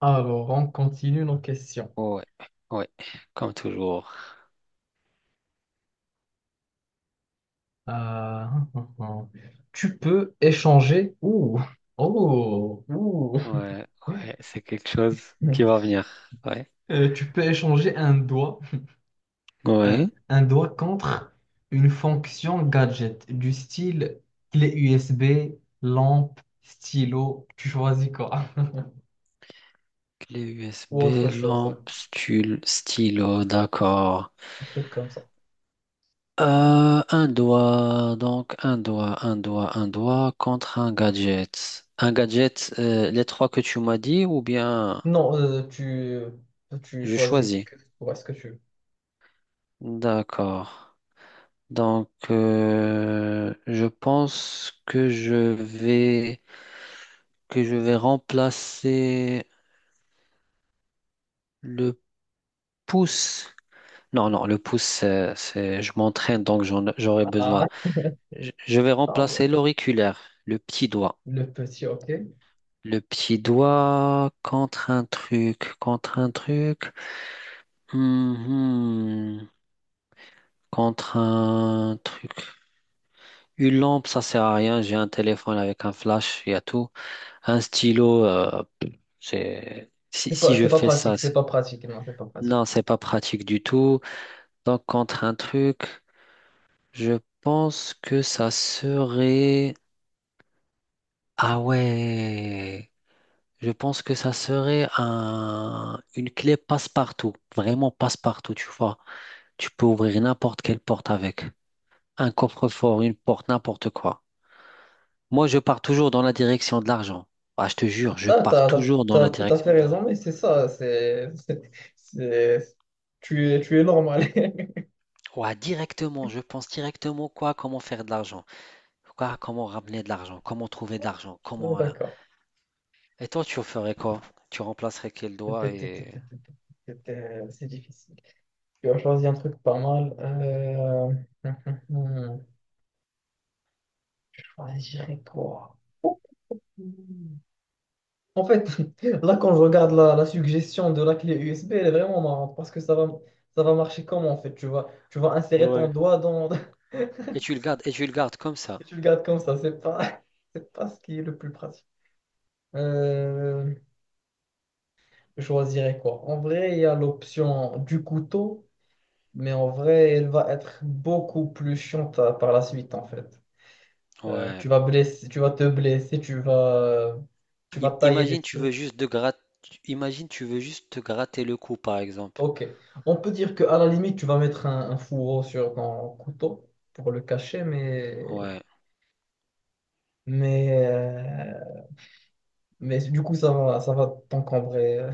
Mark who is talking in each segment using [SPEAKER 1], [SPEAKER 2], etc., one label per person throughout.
[SPEAKER 1] Alors, on continue nos questions.
[SPEAKER 2] Ouais, ouais, comme toujours.
[SPEAKER 1] Euh, tu peux échanger. Ouh, oh, ouh.
[SPEAKER 2] Ouais, ouais, c'est quelque chose qui va venir. Ouais.
[SPEAKER 1] Tu peux échanger un doigt,
[SPEAKER 2] Ouais.
[SPEAKER 1] un doigt contre une fonction gadget du style clé USB, lampe, stylo. Tu choisis quoi?
[SPEAKER 2] Clé
[SPEAKER 1] Ou
[SPEAKER 2] USB,
[SPEAKER 1] autre chose, hein,
[SPEAKER 2] lampe, stylo, d'accord.
[SPEAKER 1] un truc comme ça.
[SPEAKER 2] Un doigt, donc un doigt contre un gadget. Un gadget, les trois que tu m'as dit ou bien
[SPEAKER 1] Non, tu
[SPEAKER 2] je
[SPEAKER 1] choisis
[SPEAKER 2] choisis?
[SPEAKER 1] est ce que tu veux.
[SPEAKER 2] D'accord. Donc, je pense que je vais remplacer le pouce. Non, non, le pouce, je m'entraîne, donc j'aurai
[SPEAKER 1] Ah,
[SPEAKER 2] besoin. Je vais
[SPEAKER 1] ah ouais.
[SPEAKER 2] remplacer l'auriculaire, le petit doigt.
[SPEAKER 1] Le petit, ok.
[SPEAKER 2] Le petit doigt contre un truc, contre un truc. Mhm. Contre un truc. Une lampe, ça sert à rien. J'ai un téléphone avec un flash, il y a tout. Un stylo. euh, c'est... Si, si je fais ça,
[SPEAKER 1] C'est
[SPEAKER 2] c'est-
[SPEAKER 1] pas pratique, non, c'est pas pratique.
[SPEAKER 2] non, c'est pas pratique du tout. Donc, contre un truc. Je pense que ça serait. Ah ouais. Je pense que ça serait une clé passe-partout. Vraiment passe-partout, tu vois. Tu peux ouvrir n'importe quelle porte avec. Un coffre-fort, une porte, n'importe quoi. Moi, je pars toujours dans la direction de l'argent. Ah, je te jure, je
[SPEAKER 1] Ah,
[SPEAKER 2] pars toujours dans
[SPEAKER 1] t'as
[SPEAKER 2] la
[SPEAKER 1] tout à fait
[SPEAKER 2] direction de
[SPEAKER 1] raison,
[SPEAKER 2] l'argent.
[SPEAKER 1] mais c'est ça, c'est- tu es normal.
[SPEAKER 2] Ouais, directement. Je pense directement quoi, comment faire de l'argent. Quoi, comment ramener de l'argent. Comment trouver de l'argent.
[SPEAKER 1] Ouais, d'accord.
[SPEAKER 2] Et toi, tu ferais quoi? Tu remplacerais quel
[SPEAKER 1] c'était
[SPEAKER 2] doigt
[SPEAKER 1] c'était c'était c'était t'es- t'es- c'est difficile. Tu as choisi un truc pas mal. Je choisirais quoi? Oh. En fait, là, quand je regarde la suggestion de la clé USB, elle est vraiment marrante parce que ça va marcher comment, en fait? Tu vas insérer ton
[SPEAKER 2] Ouais.
[SPEAKER 1] doigt dans,
[SPEAKER 2] Et tu le gardes comme ça.
[SPEAKER 1] tu le gardes comme ça, c'est pas, c'est pas ce qui est le plus pratique. Euh, je choisirais quoi? En vrai, il y a l'option du couteau, mais en vrai, elle va être beaucoup plus chiante par la suite, en fait. Tu
[SPEAKER 2] Ouais.
[SPEAKER 1] vas blesser, tu vas te blesser, tu
[SPEAKER 2] I-
[SPEAKER 1] vas tailler des
[SPEAKER 2] imagine tu veux
[SPEAKER 1] trucs.
[SPEAKER 2] juste de grat- imagine tu veux juste te gratter le cou par exemple.
[SPEAKER 1] Ok. On peut dire qu'à la limite, tu vas mettre un fourreau sur ton couteau pour le cacher,
[SPEAKER 2] Ouais.
[SPEAKER 1] mais, euh, mais du coup, ça va t'encombrer.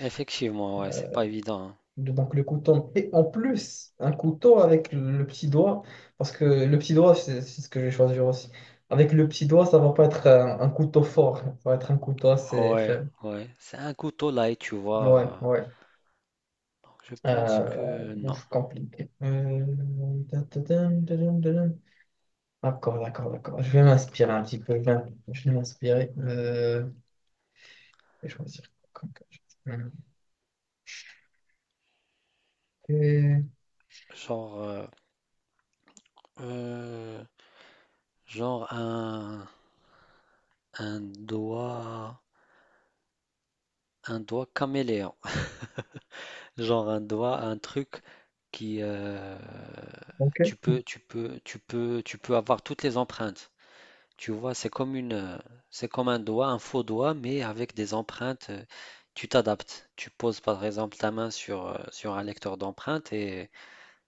[SPEAKER 2] Effectivement, ouais, c'est pas évident.
[SPEAKER 1] Donc le couteau, et en plus, un couteau avec le petit doigt, parce que le petit doigt, c'est ce que je vais choisir aussi. Avec le petit doigt, ça va pas être un couteau fort, ça va être un couteau
[SPEAKER 2] Hein.
[SPEAKER 1] assez
[SPEAKER 2] Ouais,
[SPEAKER 1] faible.
[SPEAKER 2] ouais. C'est un couteau là et tu vois.
[SPEAKER 1] Ouais,
[SPEAKER 2] euh,
[SPEAKER 1] ouais.
[SPEAKER 2] donc je pense
[SPEAKER 1] Euh,
[SPEAKER 2] que non.
[SPEAKER 1] ouf, compliqué. Tadadam, tadadam, tadam. D'accord, d'accord, d'accord. Je vais m'inspirer un petit peu. Je vais m'inspirer. Je vais choisir. comme que je- Hum. Et,
[SPEAKER 2] Genre euh, genre un un doigt caméléon. Genre un doigt, un truc qui
[SPEAKER 1] ok.
[SPEAKER 2] tu peux avoir toutes les empreintes. Tu vois, c'est comme un doigt, un faux doigt, mais avec des empreintes. Tu t'adaptes. Tu poses par exemple ta main sur un lecteur d'empreintes et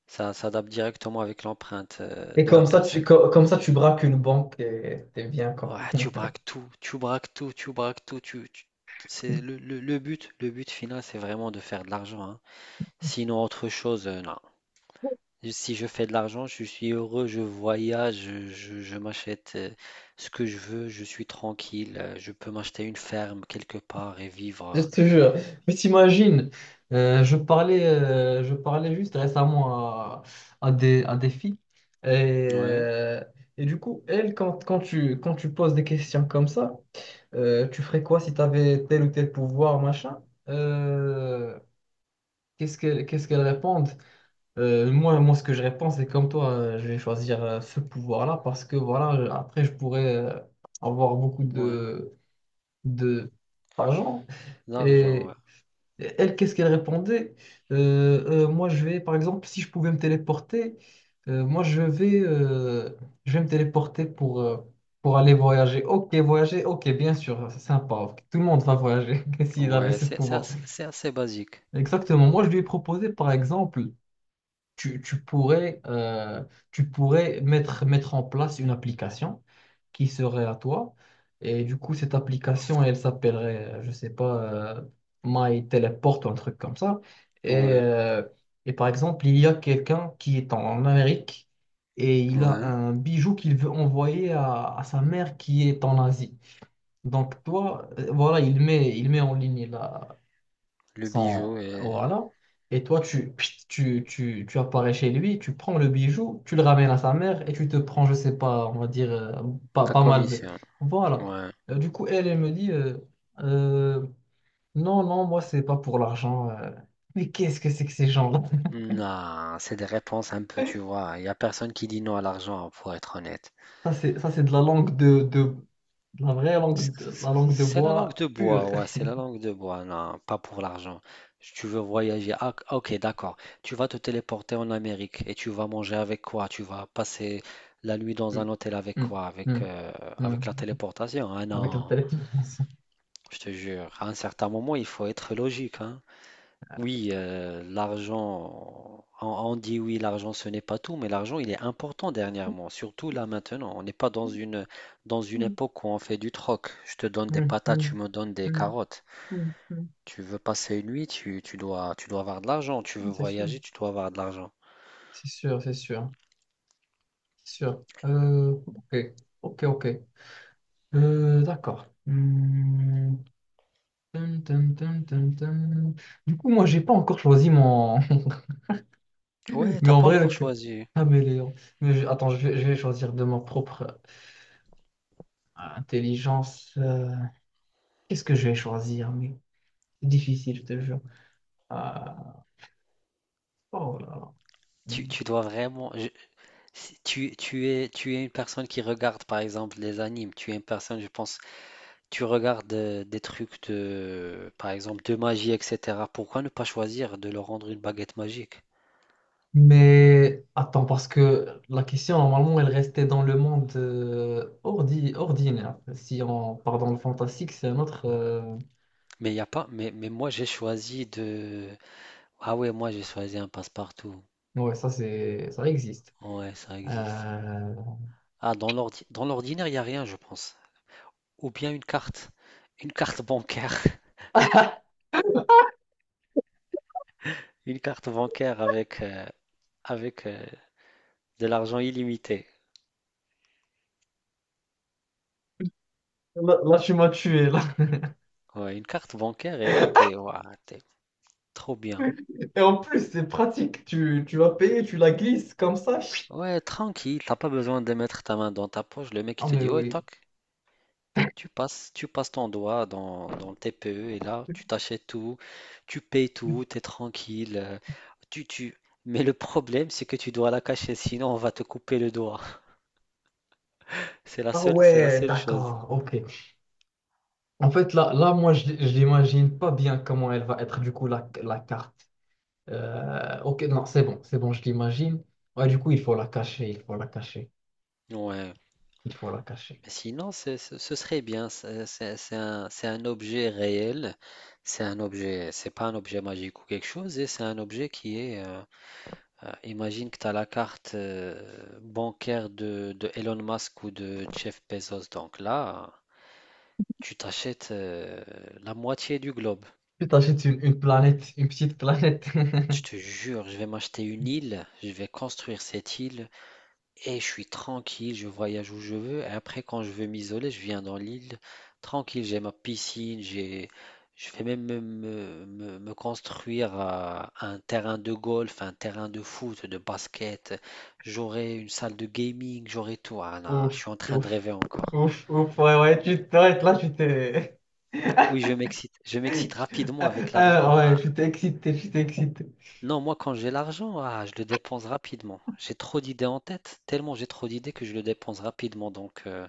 [SPEAKER 2] ça s'adapte directement avec l'empreinte
[SPEAKER 1] Et
[SPEAKER 2] de la
[SPEAKER 1] comme ça,
[SPEAKER 2] personne.
[SPEAKER 1] comme ça, tu braques une banque et t'es bien, quoi.
[SPEAKER 2] Ouais, tu braques tout, tu braques tout, tu braques tout. C'est le but final, c'est vraiment de faire de l'argent. Hein. Sinon, autre chose, non. Si je fais de l'argent, je suis heureux, je voyage, je m'achète ce que je veux, je suis tranquille, je peux m'acheter une ferme quelque part et
[SPEAKER 1] Je
[SPEAKER 2] vivre.
[SPEAKER 1] te jure. Mais t'imagines, je parlais juste récemment à, à des filles. Et,
[SPEAKER 2] Ouais,
[SPEAKER 1] euh, et du coup, elles, quand tu poses des questions comme ça, tu ferais quoi si tu avais tel ou tel pouvoir, machin? Euh, qu'est-ce qu'elles répondent? Moi, ce que je réponds, c'est comme toi, je vais choisir ce pouvoir-là parce que voilà, après, je pourrais avoir beaucoup
[SPEAKER 2] ouais,
[SPEAKER 1] de, d'argent.
[SPEAKER 2] l'argent, ouais.
[SPEAKER 1] Et Elle, qu'est-ce qu'elle répondait? Moi, je vais, par exemple, si je pouvais me téléporter, euh, moi, je vais, euh, je vais me téléporter pour aller voyager. Ok, voyager, ok, bien sûr, c'est sympa. Ok, tout le monde va voyager s'il avait
[SPEAKER 2] Ouais,
[SPEAKER 1] ce
[SPEAKER 2] c'est c'est
[SPEAKER 1] pouvoir.
[SPEAKER 2] assez, c'est assez basique.
[SPEAKER 1] Exactement. Moi, je lui ai proposé, par exemple, tu, tu pourrais, euh, tu pourrais mettre en place une application qui serait à toi. Et du coup, cette application, elle s'appellerait, je sais pas, euh, My Teleport ou un truc comme ça. Et,
[SPEAKER 2] Ouais,
[SPEAKER 1] euh, et par exemple, il y a quelqu'un qui est en en Amérique et il a
[SPEAKER 2] ouais,
[SPEAKER 1] un bijou qu'il veut envoyer à sa mère qui est en Asie. Donc toi, voilà, il met en ligne
[SPEAKER 2] le bijou et
[SPEAKER 1] Voilà. Et toi, tu apparais chez lui, tu prends le bijou, tu le ramènes à sa mère et tu te prends, je sais pas, on va dire,
[SPEAKER 2] ta
[SPEAKER 1] pas mal de...
[SPEAKER 2] commission.
[SPEAKER 1] Voilà.
[SPEAKER 2] Ouais.
[SPEAKER 1] Elle me dit, Euh, non, non, moi, c'est pas pour l'argent. Mais qu'est-ce que c'est que ces gens-là?
[SPEAKER 2] Non, c'est des réponses un peu, tu vois. Il n'y a personne qui dit non à l'argent, pour être honnête.
[SPEAKER 1] Ça, c'est de la langue de la vraie
[SPEAKER 2] C'est
[SPEAKER 1] langue de, la langue de
[SPEAKER 2] c'est la langue
[SPEAKER 1] bois
[SPEAKER 2] de
[SPEAKER 1] pure.
[SPEAKER 2] bois, ouais, c'est la langue de bois, non, pas pour l'argent. Si tu veux voyager, ah, ok, d'accord. Tu vas te téléporter en Amérique et tu vas manger avec quoi? Tu vas passer la nuit dans un hôtel avec
[SPEAKER 1] Mm, mm,
[SPEAKER 2] quoi? Avec,
[SPEAKER 1] mm,
[SPEAKER 2] euh, avec la
[SPEAKER 1] mm.
[SPEAKER 2] téléportation? Ah
[SPEAKER 1] Avec la
[SPEAKER 2] non,
[SPEAKER 1] téléportation.
[SPEAKER 2] je te jure, à un certain moment, il faut être logique, hein. Oui, l'argent, on dit oui, l'argent ce n'est pas tout, mais l'argent il est important dernièrement, surtout là maintenant. On n'est pas dans une
[SPEAKER 1] Mm,
[SPEAKER 2] époque où on fait du troc. Je te donne des
[SPEAKER 1] mm,
[SPEAKER 2] patates, tu
[SPEAKER 1] mm,
[SPEAKER 2] me donnes des
[SPEAKER 1] mm,
[SPEAKER 2] carottes.
[SPEAKER 1] mm, mm.
[SPEAKER 2] Tu veux passer une nuit, tu dois avoir de l'argent. Tu veux
[SPEAKER 1] C'est sûr.
[SPEAKER 2] voyager, tu dois avoir de l'argent.
[SPEAKER 1] C'est sûr, c'est sûr, c'est sûr. Ok, ok, ok. D'accord. Hmm. Tum, tum, tum, tum, tum. Du coup, moi, j'ai pas encore choisi mon.
[SPEAKER 2] Ouais,
[SPEAKER 1] Mais
[SPEAKER 2] t'as
[SPEAKER 1] en
[SPEAKER 2] pas
[SPEAKER 1] vrai,
[SPEAKER 2] encore
[SPEAKER 1] le
[SPEAKER 2] choisi.
[SPEAKER 1] caméléon. Mais attends, je vais choisir de ma propre intelligence. Qu'est-ce que je vais choisir? Mais c'est difficile, je te jure. Ah, oh là là.
[SPEAKER 2] Tu dois vraiment. Si tu es une personne qui regarde par exemple les animes. Tu es une personne, je pense, tu regardes des trucs de, par exemple, de magie, etc. Pourquoi ne pas choisir de leur rendre une baguette magique?
[SPEAKER 1] Mais attends, parce que la question, normalement, elle restait dans le monde ordinaire. Si on part dans le fantastique, c'est un autre...
[SPEAKER 2] Mais il y a pas. Mais moi, j'ai choisi de. Ah ouais, moi, j'ai choisi un passe-partout.
[SPEAKER 1] Ouais, ça, c'est... ça existe.
[SPEAKER 2] Ouais, ça existe.
[SPEAKER 1] Euh,
[SPEAKER 2] Ah, dans l'ordinaire, il n'y a rien, je pense. Ou bien une carte. Une carte bancaire. Une carte bancaire avec de l'argent illimité.
[SPEAKER 1] Là, là, tu m'as tué, là.
[SPEAKER 2] Ouais, une carte bancaire, et là, t'es ouah, t'es trop bien.
[SPEAKER 1] Et en plus, c'est pratique. Tu l'as payé, tu la glisses comme ça.
[SPEAKER 2] Ouais, tranquille, t'as pas besoin de mettre ta main dans ta poche. Le mec, il
[SPEAKER 1] Ah,
[SPEAKER 2] te
[SPEAKER 1] mais
[SPEAKER 2] dit, ouais,
[SPEAKER 1] oui.
[SPEAKER 2] toc. Tu passes ton doigt dans le TPE et là, tu t'achètes tout, tu payes tout, tu es tranquille. Tu, tu... Mais le problème, c'est que tu dois la cacher, sinon on va te couper le doigt. C'est la
[SPEAKER 1] Ah
[SPEAKER 2] seule, c'est la
[SPEAKER 1] ouais,
[SPEAKER 2] seule chose.
[SPEAKER 1] d'accord, ok. En fait, là, moi, je l'imagine pas bien comment elle va être, du coup, la carte. Ok, non, c'est bon, je l'imagine. Ouais, du coup, il faut la cacher, il faut la cacher,
[SPEAKER 2] Ouais.
[SPEAKER 1] il faut la cacher.
[SPEAKER 2] Mais sinon, ce serait bien. C'est un objet réel. C'est un objet, c'est pas un objet magique ou quelque chose, et c'est un objet qui est. Imagine que tu as la carte bancaire de Elon Musk ou de Jeff Bezos. Donc là. Tu t'achètes la moitié du globe.
[SPEAKER 1] Tu t'achètes une planète, une petite planète.
[SPEAKER 2] Je te jure, je vais m'acheter une île, je vais construire cette île et je suis tranquille, je voyage où je veux. Et après, quand je veux m'isoler, je viens dans l'île, tranquille, j'ai ma piscine, je vais même me construire un terrain de golf, un terrain de foot, de basket. J'aurai une salle de gaming, j'aurai tout. Ah non, je
[SPEAKER 1] Ouf,
[SPEAKER 2] suis en train de
[SPEAKER 1] ouf,
[SPEAKER 2] rêver encore.
[SPEAKER 1] ouf, ouf, ouais, ouais, tu t'arrêtes là, tu t'es.
[SPEAKER 2] Oui, je m'excite, je m'excite rapidement
[SPEAKER 1] Ah,
[SPEAKER 2] avec
[SPEAKER 1] ah,
[SPEAKER 2] l'argent.
[SPEAKER 1] ouais,
[SPEAKER 2] Ah,
[SPEAKER 1] je t'ai excité, je t'ai excité.
[SPEAKER 2] non, moi quand j'ai l'argent, ah, je le dépense rapidement. J'ai trop d'idées en tête, tellement j'ai trop d'idées que je le dépense rapidement, donc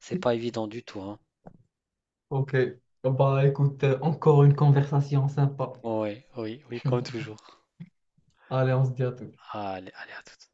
[SPEAKER 2] c'est pas évident du tout, hein.
[SPEAKER 1] Ok, bah écoute, encore une conversation sympa.
[SPEAKER 2] Ouais, oui, oui, comme toujours.
[SPEAKER 1] Allez, on se dit à tout.
[SPEAKER 2] Allez, allez, à tout.